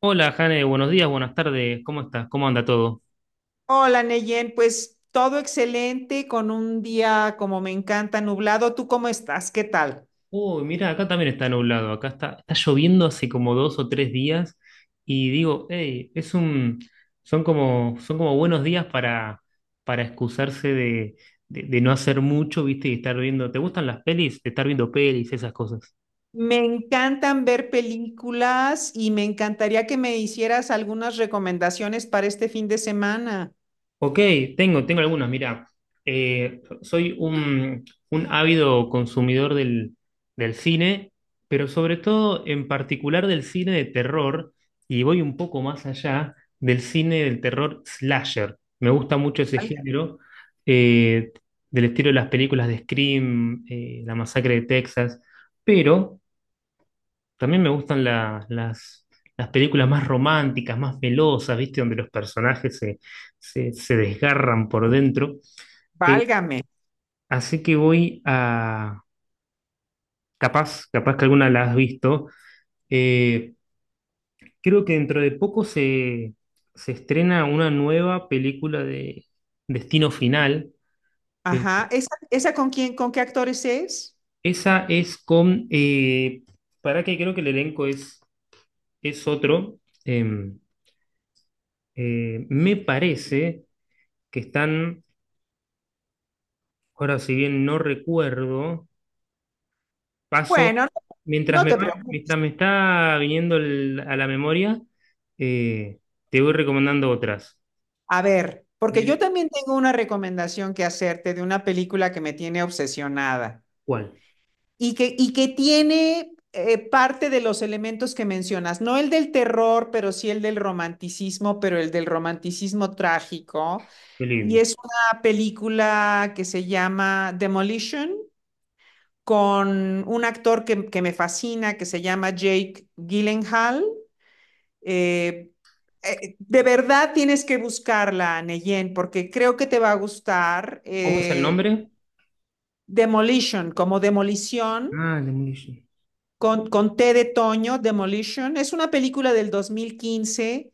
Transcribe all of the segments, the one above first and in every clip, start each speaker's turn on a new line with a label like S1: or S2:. S1: Hola, Jane, buenos días, buenas tardes, ¿cómo estás? ¿Cómo anda todo?
S2: Hola, Neyen, pues todo excelente, con un día como me encanta, nublado. ¿Tú cómo estás? ¿Qué tal?
S1: Uy, mira, acá también está nublado, acá está lloviendo hace como 2 o 3 días y digo, hey, son como buenos días para excusarse de no hacer mucho, ¿viste? Y estar viendo, ¿te gustan las pelis? De estar viendo pelis, esas cosas.
S2: Me encantan ver películas y me encantaría que me hicieras algunas recomendaciones para este fin de semana.
S1: Ok, tengo algunos. Mira, soy un ávido consumidor del cine, pero sobre todo en particular del cine de terror, y voy un poco más allá del cine del terror slasher. Me gusta mucho ese
S2: Valga-
S1: género, eh, del estilo de las películas de Scream, La Masacre de Texas, pero también me gustan las películas más románticas, más velosas, ¿viste? Donde los personajes se desgarran por dentro. Eh,
S2: Válgame.
S1: así que Capaz que alguna la has visto. Eh, Creo que dentro de poco se estrena una nueva película de Destino Final. Eh,
S2: Ajá. ¿Esa con quién, con qué actores es?
S1: esa es con... para que creo que el elenco es otro. Em, me parece que Ahora, si bien no recuerdo, paso,
S2: Bueno,
S1: mientras
S2: no
S1: me
S2: te
S1: va-
S2: preocupes.
S1: mientras me está viniendo a la memoria, eh, te voy recomendando otras.
S2: A ver, porque yo
S1: Del,
S2: también tengo una recomendación que hacerte de una película que me tiene obsesionada.
S1: ¿Cuál?
S2: Y que tiene parte de los elementos que mencionas, no el del terror, pero sí el del romanticismo, pero el del romanticismo trágico.
S1: Qué
S2: Y
S1: lindo.
S2: es una película que se llama Demolition con un actor que me fascina, que se llama Jake Gyllenhaal. Eh, de verdad tienes que buscarla, Neyen, porque creo que te va a gustar.
S1: ¿Cómo es el
S2: eh,
S1: nombre?
S2: Demolition, como demolición,
S1: Ah, Demolition.
S2: con T de Toño, Demolition. Es una película del 2015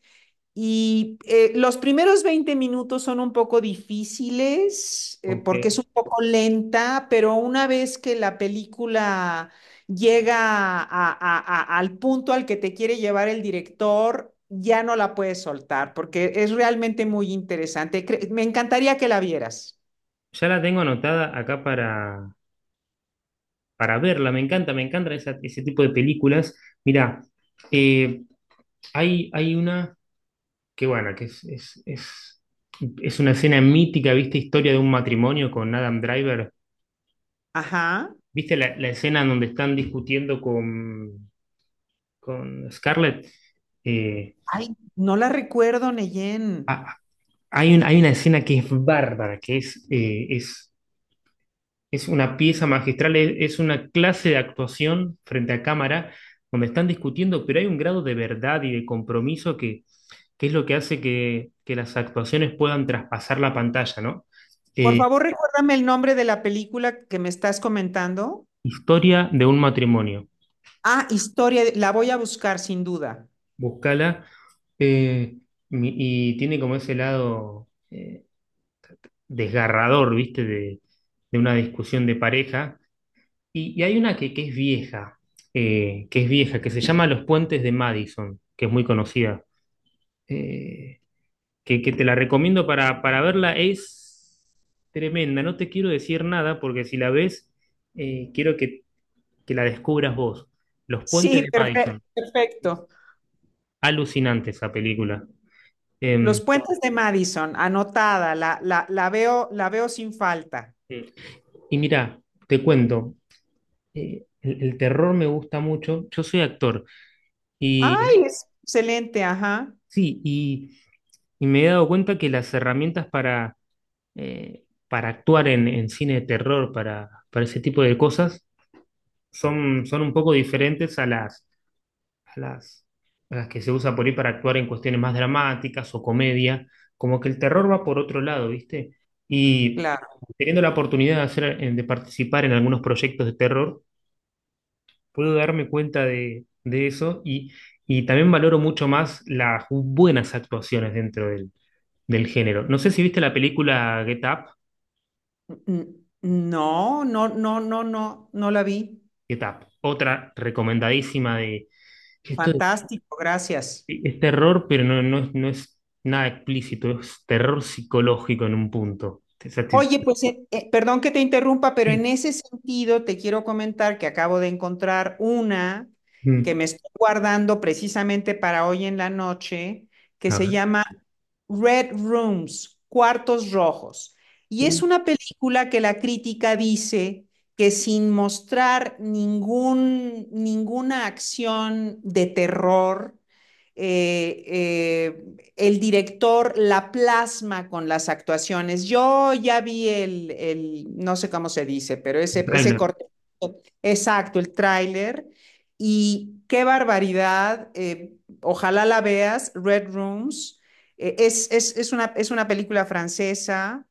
S2: y los primeros 20 minutos son un poco difíciles porque es
S1: Ok.
S2: un poco lenta, pero una vez que la película llega al punto al que te quiere llevar el director, ya no la puedes soltar porque es realmente muy interesante. Me encantaría que la vieras.
S1: Ya la tengo anotada acá para verla. Me encanta ese tipo de películas. Mirá, eh, hay una que, bueno, que es una escena mítica, ¿viste? Historia de un matrimonio con Adam Driver.
S2: Ajá.
S1: ¿Viste la escena en donde están discutiendo con Scarlett? Eh,
S2: Ay, no la recuerdo, Neyen.
S1: ha- hay una escena que es bárbara, que es una pieza magistral, es una clase de actuación frente a cámara, donde están discutiendo, pero hay un grado de verdad y de compromiso que es lo que hace que las actuaciones puedan traspasar la pantalla, ¿no?
S2: Por
S1: Eh,
S2: favor, recuérdame el nombre de la película que me estás comentando.
S1: historia de un matrimonio.
S2: Ah, la voy a buscar sin duda.
S1: Búscala. eh, y tiene como ese lado, desgarrador, ¿viste? De una discusión de pareja. Y hay una que es vieja, que se llama Los Puentes de Madison, que es muy conocida, eh, que te la recomiendo para verla. Es tremenda, no te quiero decir nada porque si la ves, quiero que la descubras vos. Los Puentes
S2: Sí,
S1: de
S2: perfecto,
S1: Madison. Es
S2: perfecto.
S1: alucinante esa película.
S2: Los
S1: Em,
S2: puentes de Madison, anotada, la veo sin falta.
S1: y mira, te cuento, el terror me gusta mucho. Yo soy actor y
S2: Ay, es excelente, ajá.
S1: sí, y me he dado cuenta que las herramientas para actuar en cine de terror, para ese tipo de cosas, son un poco diferentes a a las, las que se usa por ahí para actuar en cuestiones más dramáticas o comedia. Como que el terror va por otro lado, ¿viste? Y
S2: Claro.
S1: teniendo la oportunidad de hacer, de participar en algunos proyectos de terror, puedo darme cuenta de eso y también valoro mucho más las buenas actuaciones dentro del género. No sé si viste la película Get Up.
S2: No, no, no, no, no, no la vi.
S1: Otra recomendadísima de esto. es,
S2: Fantástico, gracias.
S1: es terror, pero no, no es nada explícito, es terror psicológico en un punto. O sea,
S2: Oye, pues perdón que te interrumpa, pero en
S1: sí,
S2: ese sentido te quiero comentar que acabo de encontrar una que
S1: mm.
S2: me estoy guardando precisamente para hoy en la noche, que
S1: A
S2: se
S1: ver,
S2: llama Red Rooms, Cuartos Rojos. Y
S1: uh,
S2: es una película que la crítica dice que sin mostrar ninguna acción de terror, eh, eh, el director la plasma con las actuaciones. Yo ya vi el no sé cómo se dice, pero
S1: un
S2: ese
S1: tráiler,
S2: corte, exacto, el tráiler, y qué barbaridad, ojalá la veas, Red Rooms, es, una, es una película francesa,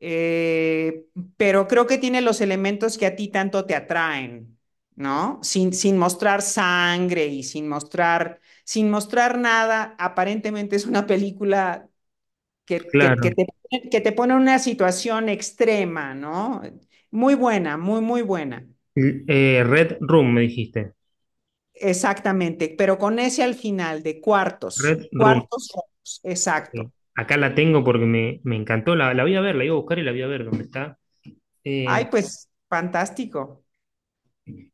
S2: eh, pero creo que tiene los elementos que a ti tanto te atraen, ¿no? Sin mostrar sangre y sin mostrar sin mostrar nada, aparentemente es una película
S1: claro.
S2: que te pone en una situación extrema, ¿no? Muy buena, muy, muy buena.
S1: Red Room, me dijiste.
S2: Exactamente, pero con ese al final de cuartos,
S1: Red Room.
S2: cuartos rojos,
S1: Ok.
S2: exacto.
S1: Acá la tengo porque me encantó. La voy a ver, la iba a buscar y la voy a ver dónde está. Eh,
S2: Ay, pues fantástico.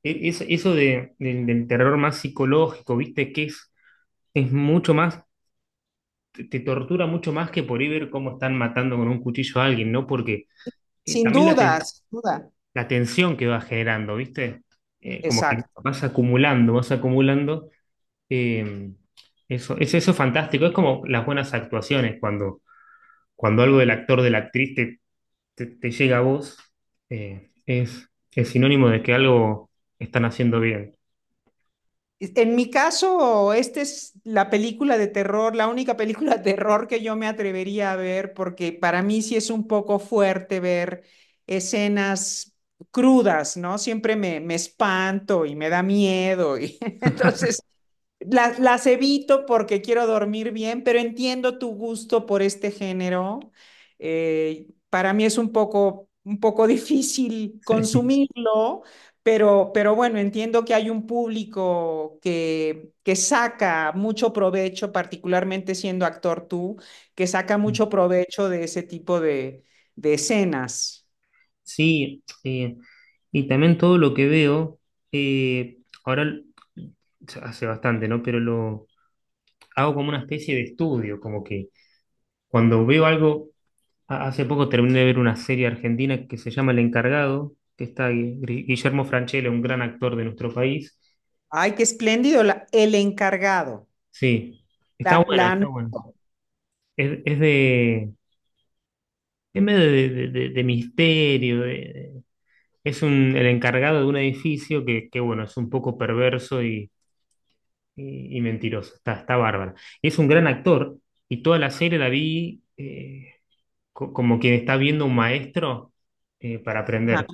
S1: eso del terror más psicológico, ¿viste? Que es mucho más. Te tortura mucho más que por ir ver cómo están matando con un cuchillo a alguien, ¿no? Porque
S2: Sin
S1: también la,
S2: duda,
S1: ten-
S2: sin duda,
S1: la tensión que va generando, ¿viste? Como que
S2: exacto.
S1: vas acumulando, vas acumulando. eh, eso es fantástico. Es como las buenas actuaciones, cuando algo del actor, de la actriz te llega a vos, es sinónimo de que algo están haciendo bien.
S2: En mi caso, esta es la película de terror, la única película de terror que yo me atrevería a ver, porque para mí sí es un poco fuerte ver escenas crudas, ¿no? Siempre me espanto y me da miedo. Y entonces, las evito porque quiero dormir bien, pero entiendo tu gusto por este género. Para mí es un poco difícil consumirlo, pero bueno, entiendo que hay un público que saca mucho provecho, particularmente siendo actor tú, que saca mucho provecho de ese tipo de escenas.
S1: Sí, y también todo lo que veo, eh, ahora l- hace bastante, ¿no? Pero lo hago como una especie de estudio, como que cuando veo algo, hace poco terminé de ver una serie argentina que se llama El Encargado, que está Guillermo Francella, un gran actor de nuestro país.
S2: Ay, qué espléndido, el encargado,
S1: Sí, está buena,
S2: la
S1: está buena.
S2: anoto.
S1: Es de, es medio de misterio. De- el encargado de un edificio que, bueno, es un poco perverso y mentiroso. Está bárbara. Es un gran actor y toda la serie la vi, como quien está viendo un maestro, para aprender.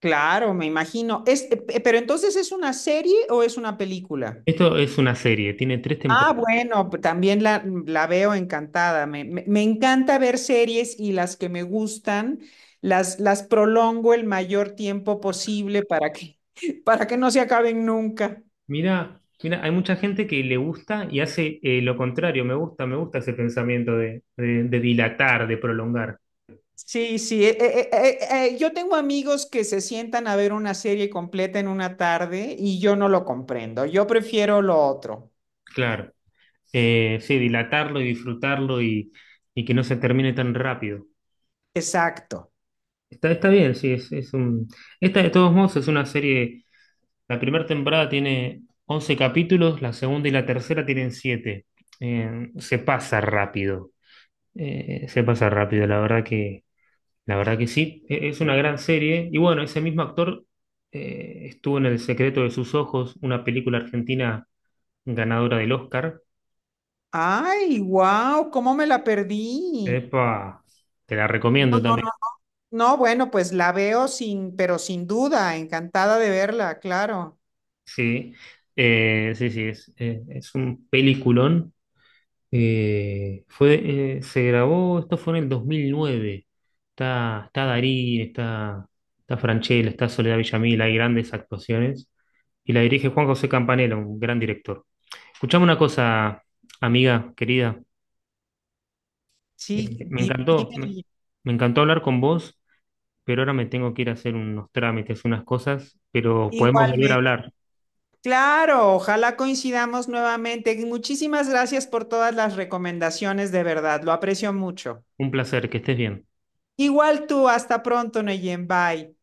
S2: Claro, me imagino. Es, pero entonces, ¿es una serie o es una película?
S1: Esto es una serie, tiene tres
S2: Ah,
S1: temporadas.
S2: bueno, también la veo encantada. Me encanta ver series y las que me gustan, las prolongo el mayor tiempo posible para que, para que no se acaben nunca.
S1: Mira, mira, hay mucha gente que le gusta y hace, lo contrario. Me gusta ese pensamiento de dilatar, de prolongar.
S2: Sí, sí. Yo tengo amigos que se sientan a ver una serie completa en una tarde y yo no lo comprendo. Yo prefiero lo otro.
S1: Claro. Sí, dilatarlo y disfrutarlo, y que no se termine tan rápido.
S2: Exacto.
S1: Está bien, sí, Esta de todos modos es una serie. La primera temporada tiene 11 capítulos, la segunda y la tercera tienen 7. Se pasa rápido. Se pasa rápido, la verdad que sí. Es una gran serie. Y bueno, ese mismo actor, estuvo en El secreto de sus ojos, una película argentina ganadora del Oscar.
S2: Ay, wow, ¿cómo me la perdí?
S1: Epa, te la
S2: No,
S1: recomiendo
S2: no,
S1: también.
S2: no. No, bueno, pues la veo sin, pero sin duda, encantada de verla, claro.
S1: Sí. Sí, sí, es un peliculón. Se grabó, esto fue en el 2009. Está Darín, está Francella, está Soledad Villamil, hay grandes actuaciones. Y la dirige Juan José Campanella, un gran director. Escuchame una cosa, amiga querida.
S2: Sí,
S1: Me
S2: dime
S1: encantó,
S2: de
S1: me,
S2: ella.
S1: me encantó hablar con vos, pero ahora me tengo que ir a hacer unos trámites, unas cosas, pero podemos volver a
S2: Igualmente.
S1: hablar.
S2: Claro, ojalá coincidamos nuevamente. Muchísimas gracias por todas las recomendaciones, de verdad, lo aprecio mucho.
S1: Un placer, que estés bien.
S2: Igual tú, hasta pronto, Neyen, bye.